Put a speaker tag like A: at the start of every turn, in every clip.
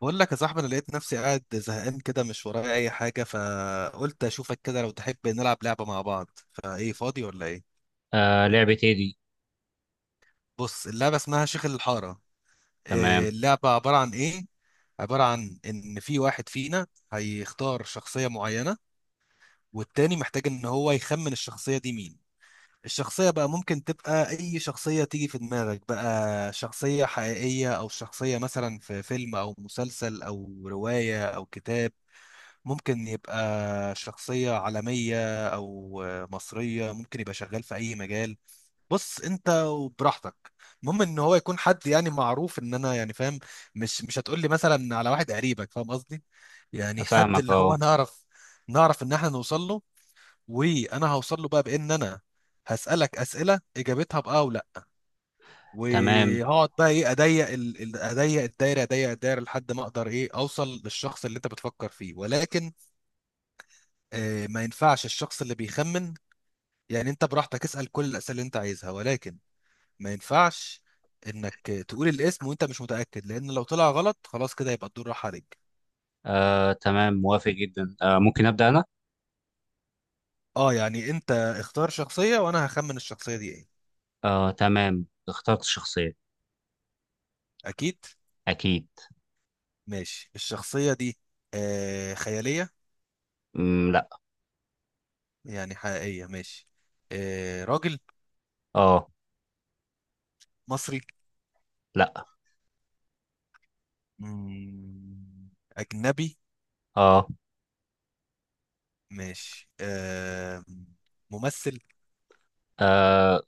A: بقول لك يا صاحبي، انا لقيت نفسي قاعد زهقان كده، مش ورايا اي حاجه، فقلت اشوفك كده. لو تحب نلعب لعبه مع بعض؟ فايه، فاضي ولا ايه؟
B: آه، لعبة ايه دي؟
A: بص، اللعبه اسمها شيخ الحاره.
B: تمام.
A: إيه، اللعبه عباره عن ايه؟ عباره عن ان في واحد فينا هيختار شخصيه معينه، والتاني محتاج ان هو يخمن الشخصيه دي مين. الشخصيه بقى ممكن تبقى اي شخصيه تيجي في دماغك بقى، شخصيه حقيقيه او شخصيه مثلا في فيلم او مسلسل او روايه او كتاب. ممكن يبقى شخصية عالمية أو مصرية، ممكن يبقى شغال في أي مجال. بص أنت وبراحتك، المهم إن هو يكون حد يعني معروف، إن أنا يعني فاهم. مش هتقول لي مثلا على واحد قريبك، فاهم قصدي؟ يعني حد
B: افهمك،
A: اللي
B: اه.
A: هو نعرف، نعرف إن إحنا نوصل له. وأنا هوصل له بقى بإن أنا هسألك أسئلة إجابتها بأه ولا،
B: تمام.
A: وهقعد بقى ايه، اضيق اضيق الدايره، اضيق الدايره لحد ما اقدر ايه اوصل للشخص اللي انت بتفكر فيه. ولكن آه، ما ينفعش الشخص اللي بيخمن، يعني انت براحتك اسأل كل الأسئلة اللي انت عايزها، ولكن ما ينفعش انك تقول الاسم وانت مش متأكد، لأن لو طلع غلط خلاص كده يبقى الدور راح عليك.
B: آه، تمام، موافق جدا. آه، ممكن ابدا انا؟
A: اه، يعني انت اختار شخصية وانا هخمن الشخصية دي ايه.
B: آه، تمام، اخترت شخصية.
A: اكيد.
B: اكيد.
A: ماشي، الشخصية دي آه خيالية؟
B: لا.
A: يعني حقيقية، ماشي. آه، راجل؟
B: اه.
A: مصري؟
B: لا.
A: مم، أجنبي؟
B: اه.
A: ماشي آه. ممثل؟
B: آه،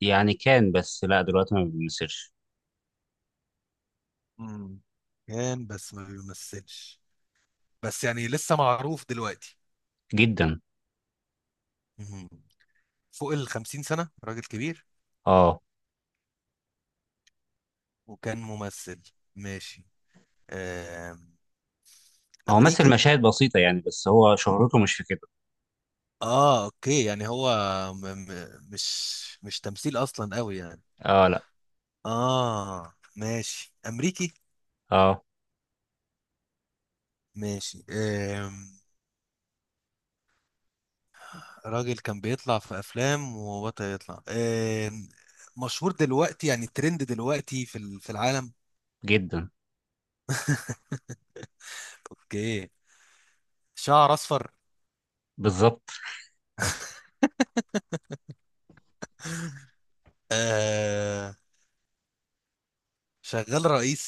B: يعني كان، بس لا دلوقتي ما بيمثلش.
A: مم، كان بس ما بيمثلش. بس يعني لسه معروف دلوقتي؟
B: جدا.
A: مهم. فوق ال 50 سنة؟ راجل كبير
B: اه.
A: وكان ممثل. ماشي آم،
B: هو مثل
A: أمريكي؟
B: مشاهد بسيطة يعني، بس هو شهرته مش في كده.
A: اه اوكي. يعني هو م م مش مش تمثيل اصلا قوي يعني.
B: اه. لا.
A: اه ماشي، أمريكي.
B: اه.
A: ماشي راجل كان بيطلع في افلام وبطل يطلع، مشهور دلوقتي، يعني ترند دلوقتي في في العالم.
B: جدا.
A: اوكي، شعر اصفر.
B: بالظبط.
A: آه، شغال رئيس.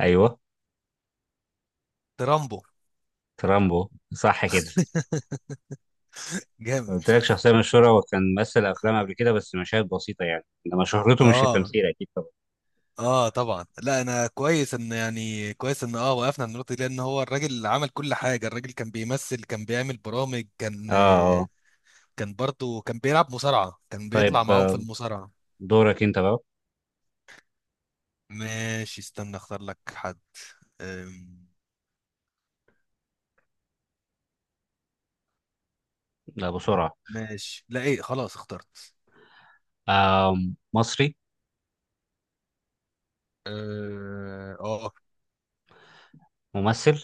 B: ايوه.
A: ترامبو؟
B: ترامبو. صح كده.
A: جامد.
B: قلت لك شخصية مشهورة وكان مثل أفلام قبل كده، بس مشاهد بسيطة يعني، إنما شهرته مش في
A: اه،
B: التمثيل أكيد طبعا.
A: اه طبعا. لا، انا كويس ان كويس ان اه وقفنا عند النقطه دي، لان هو الراجل عمل كل حاجه. الراجل كان بيمثل، كان بيعمل برامج، كان
B: آه. آه.
A: كان برضه كان بيلعب مصارعه، كان
B: طيب
A: بيطلع معاهم في
B: آه،
A: المصارعه.
B: دورك أنت بقى.
A: ماشي استنى اختار لك حد. أم،
B: لا، بسرعة.
A: ماشي، لا ايه، خلاص اخترت.
B: آه. مصري.
A: اه.
B: ممثل.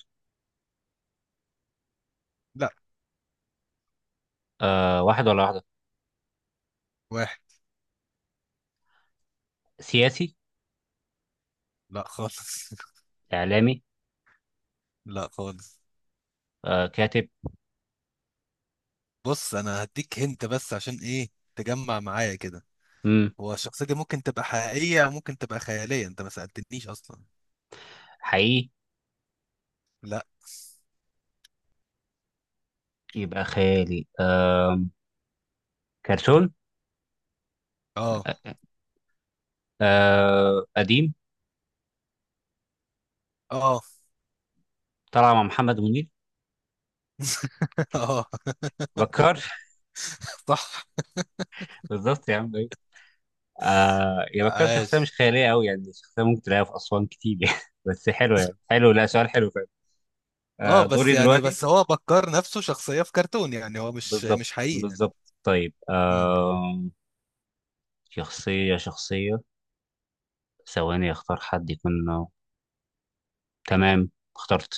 A: لا.
B: آه، واحد ولا واحدة؟
A: واحد.
B: سياسي.
A: لا خالص.
B: إعلامي.
A: لا خالص.
B: آه، كاتب.
A: بص انا هديك هنت بس عشان ايه، تجمع معايا كده.
B: مم.
A: هو الشخصية دي ممكن تبقى حقيقية ممكن تبقى خيالية، انت ما سألتنيش اصلا.
B: حقيقي.
A: لا.
B: يبقى خيالي. آه، كرتون.
A: اه.
B: آه، قديم.
A: اه.
B: طلع مع محمد منير.
A: اه.
B: بكار
A: صح.
B: بالظبط يا عم، أيوة. آه يا بكار، شخصية مش
A: عاش.
B: خيالية أوي، يعني شخصية ممكن تلاقيها في أسوان كتير يعني بس حلو يعني، حلو، لا سؤال حلو.
A: اه
B: آه،
A: بس
B: دوري
A: يعني،
B: دلوقتي.
A: بس هو بكر نفسه شخصية في كرتون، يعني هو مش
B: بالظبط،
A: مش حقيقي يعني.
B: بالظبط. طيب
A: امم.
B: آه، شخصية. ثواني اختار حد يكون آه، تمام. اخترت.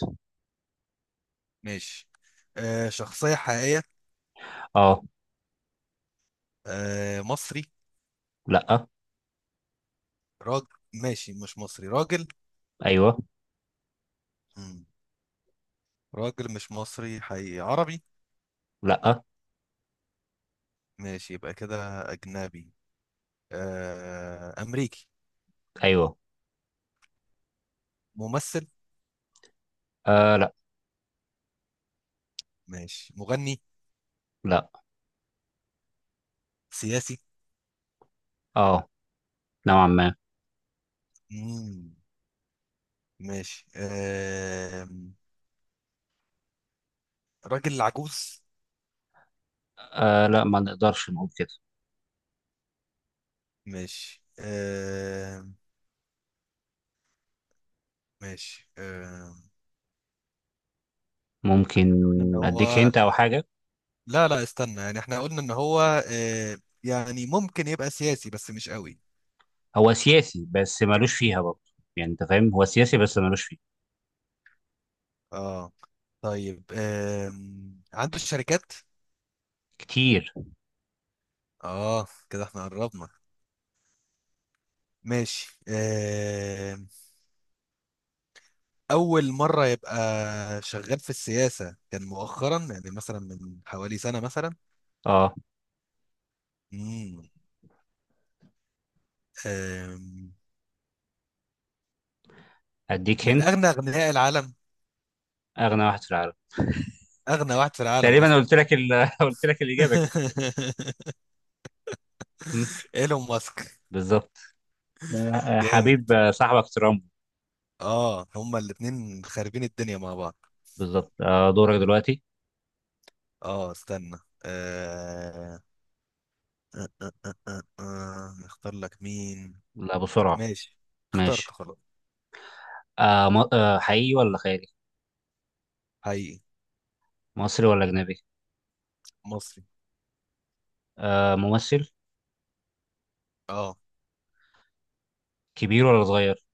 A: ماشي، آه شخصية حقيقية.
B: اه.
A: آه مصري؟
B: لا.
A: راجل؟ ماشي، مش مصري، راجل.
B: ايوه.
A: امم. راجل مش مصري حقيقي، عربي؟
B: لا.
A: ماشي، يبقى كده أجنبي. آه أمريكي؟
B: ايوه.
A: ممثل؟
B: آه، لا.
A: ماشي، مغني؟
B: لا.
A: سياسي؟
B: اه، نوعا ما.
A: مم. ماشي راجل عجوز؟
B: آه لا، ما نقدرش نقول كده.
A: ماشي ماشي
B: ممكن.
A: قلنا ان
B: اديك
A: هو،
B: هنت او حاجة.
A: لا استنى، يعني احنا قلنا ان هو آه، يعني ممكن يبقى سياسي بس مش قوي.
B: هو سياسي بس مالوش فيها برضه. يعني انت فاهم، هو سياسي بس مالوش فيه.
A: اه. طيب عنده شركات؟
B: كتير.
A: اه كده احنا قربنا. ماشي اول مرة يبقى شغال في السياسة، كان مؤخرا يعني مثلا من حوالي سنة مثلا؟
B: اه،
A: مم. آم،
B: اديك
A: من
B: هنت.
A: اغنى اغنياء العالم؟
B: اغنى واحد في العالم.
A: اغنى واحد في العالم
B: تقريبا
A: اصلا.
B: قلت لك قلت لك الاجابة كده. مم،
A: ايلون ماسك؟
B: بالظبط. آه،
A: جامد.
B: حبيب آه، صاحبك ترامب.
A: اه هما الاتنين خاربين الدنيا مع بعض.
B: بالظبط. آه، دورك دلوقتي.
A: اه استنى. آه... آه... نختار لك مين.
B: لا، بسرعة.
A: ماشي، اخترت
B: ماشي.
A: خلاص.
B: آه، حقيقي ولا خيالي؟
A: حقيقي.
B: مصري ولا أجنبي؟
A: مصري.
B: آه، ممثل؟
A: اه.
B: كبير ولا صغير؟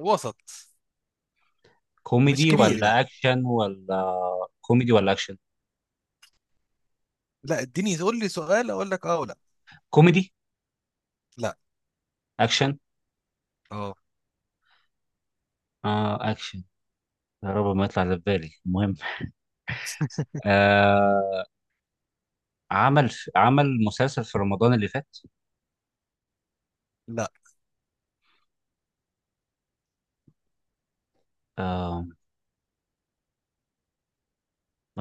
A: وسط، مش
B: كوميدي
A: كبير
B: ولا
A: يعني.
B: أكشن ولا؟ كوميدي ولا أكشن؟
A: لا اديني قول لي سؤال اقول لك اه ولا
B: كوميدي.
A: لا.
B: أكشن.
A: اه.
B: آه، أكشن. يا رب ما يطلع اللي في بالي، المهم، آه، عمل، عمل مسلسل في رمضان اللي فات؟
A: لا.
B: آه،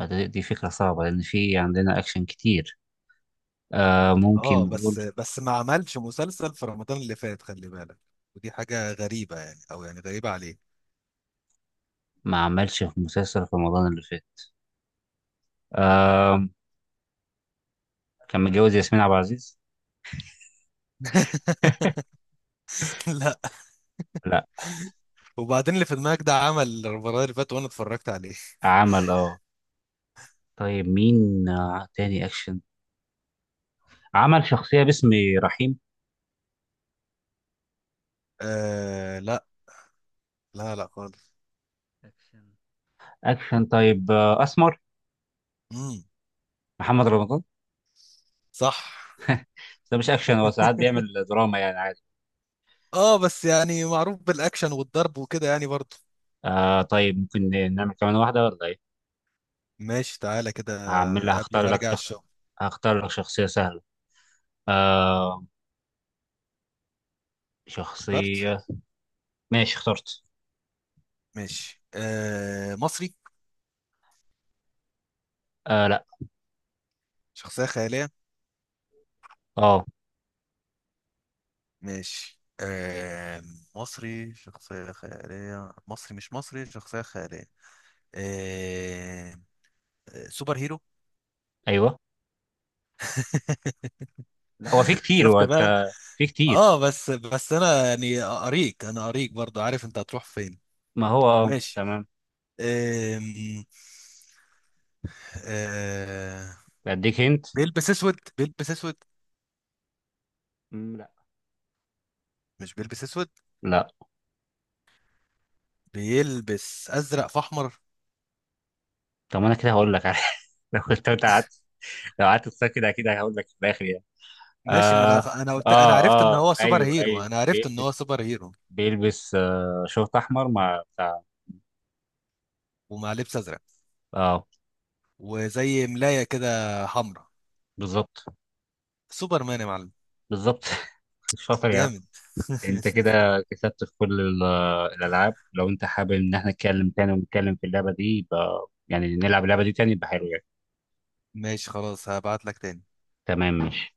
B: دي فكرة صعبة لأن في عندنا أكشن كتير. آه، ممكن
A: اه بس،
B: نقول.
A: بس ما عملش مسلسل في رمضان اللي فات، خلي بالك. ودي حاجة غريبة يعني، او يعني غريبة عليه.
B: ما عملش في مسلسل في رمضان اللي فات. آه. كان متجوز ياسمين عبد العزيز.
A: لا.
B: لا.
A: وبعدين اللي في دماغك ده عمل المره اللي فاتت وانا اتفرجت عليه.
B: عمل، اه. طيب مين آه تاني اكشن؟ عمل شخصية باسم رحيم.
A: آه لا. لا خالص.
B: اكشن. اكشن. طيب آه، اسمر.
A: امم.
B: محمد رمضان.
A: صح.
B: بس ده مش اكشن، هو ساعات بيعمل دراما يعني عادي.
A: اه بس يعني معروف بالاكشن والضرب وكده يعني برضه.
B: آه، طيب ممكن نعمل كمان واحدة ولا ايه؟
A: ماشي، تعالى كده،
B: هعمل،
A: قبل
B: هختار
A: ما
B: لك
A: ارجع
B: شخص.
A: الشغل.
B: هختار لك شخصية سهلة. آه،
A: اخترت.
B: شخصية. ماشي، اخترت.
A: ماشي آه، مصري؟
B: آه، لا.
A: شخصية خيالية؟
B: اه.
A: ماشي آه، مصري؟ شخصية خيالية؟ مصري؟ مش مصري؟ شخصية خيالية؟ آه. آه، سوبر هيرو؟
B: ايوه. لا، هو في كتير،
A: شفت بقى.
B: وانت، في كتير.
A: اه بس، بس انا يعني اريك، انا اريك برضو عارف انت هتروح فين.
B: ما هو آه،
A: ماشي.
B: تمام.
A: أم... أه...
B: اديك هنت.
A: بيلبس اسود؟ بيلبس اسود؟
B: لا.
A: مش بيلبس اسود؟
B: لا.
A: بيلبس ازرق في احمر؟
B: طب ما انا كده هقول لك لو كنت أنت قعدت، لو قعدت تفكر كده اكيد هقول لك في الاخر يعني.
A: ماشي، ما
B: اه.
A: انا انا قلت انا عرفت ان
B: اه. اه،
A: هو سوبر
B: ايوه،
A: هيرو،
B: ايوه،
A: انا عرفت ان
B: بيلبس،
A: هو سوبر هيرو.
B: بيلبس آه شورت احمر مع بتاع.
A: ومع لبس ازرق،
B: اه.
A: وزي ملاية كده حمراء.
B: بالظبط.
A: سوبر مان يا معلم.
B: بالظبط شاطر يعني.
A: جامد.
B: انت كده كسبت في كل الالعاب. لو انت حابب ان احنا نتكلم تاني ونتكلم في اللعبه دي، يبقى يعني نلعب اللعبه دي تاني، يبقى حلو يعني.
A: ماشي خلاص، هبعت لك تاني.
B: تمام، ماشي.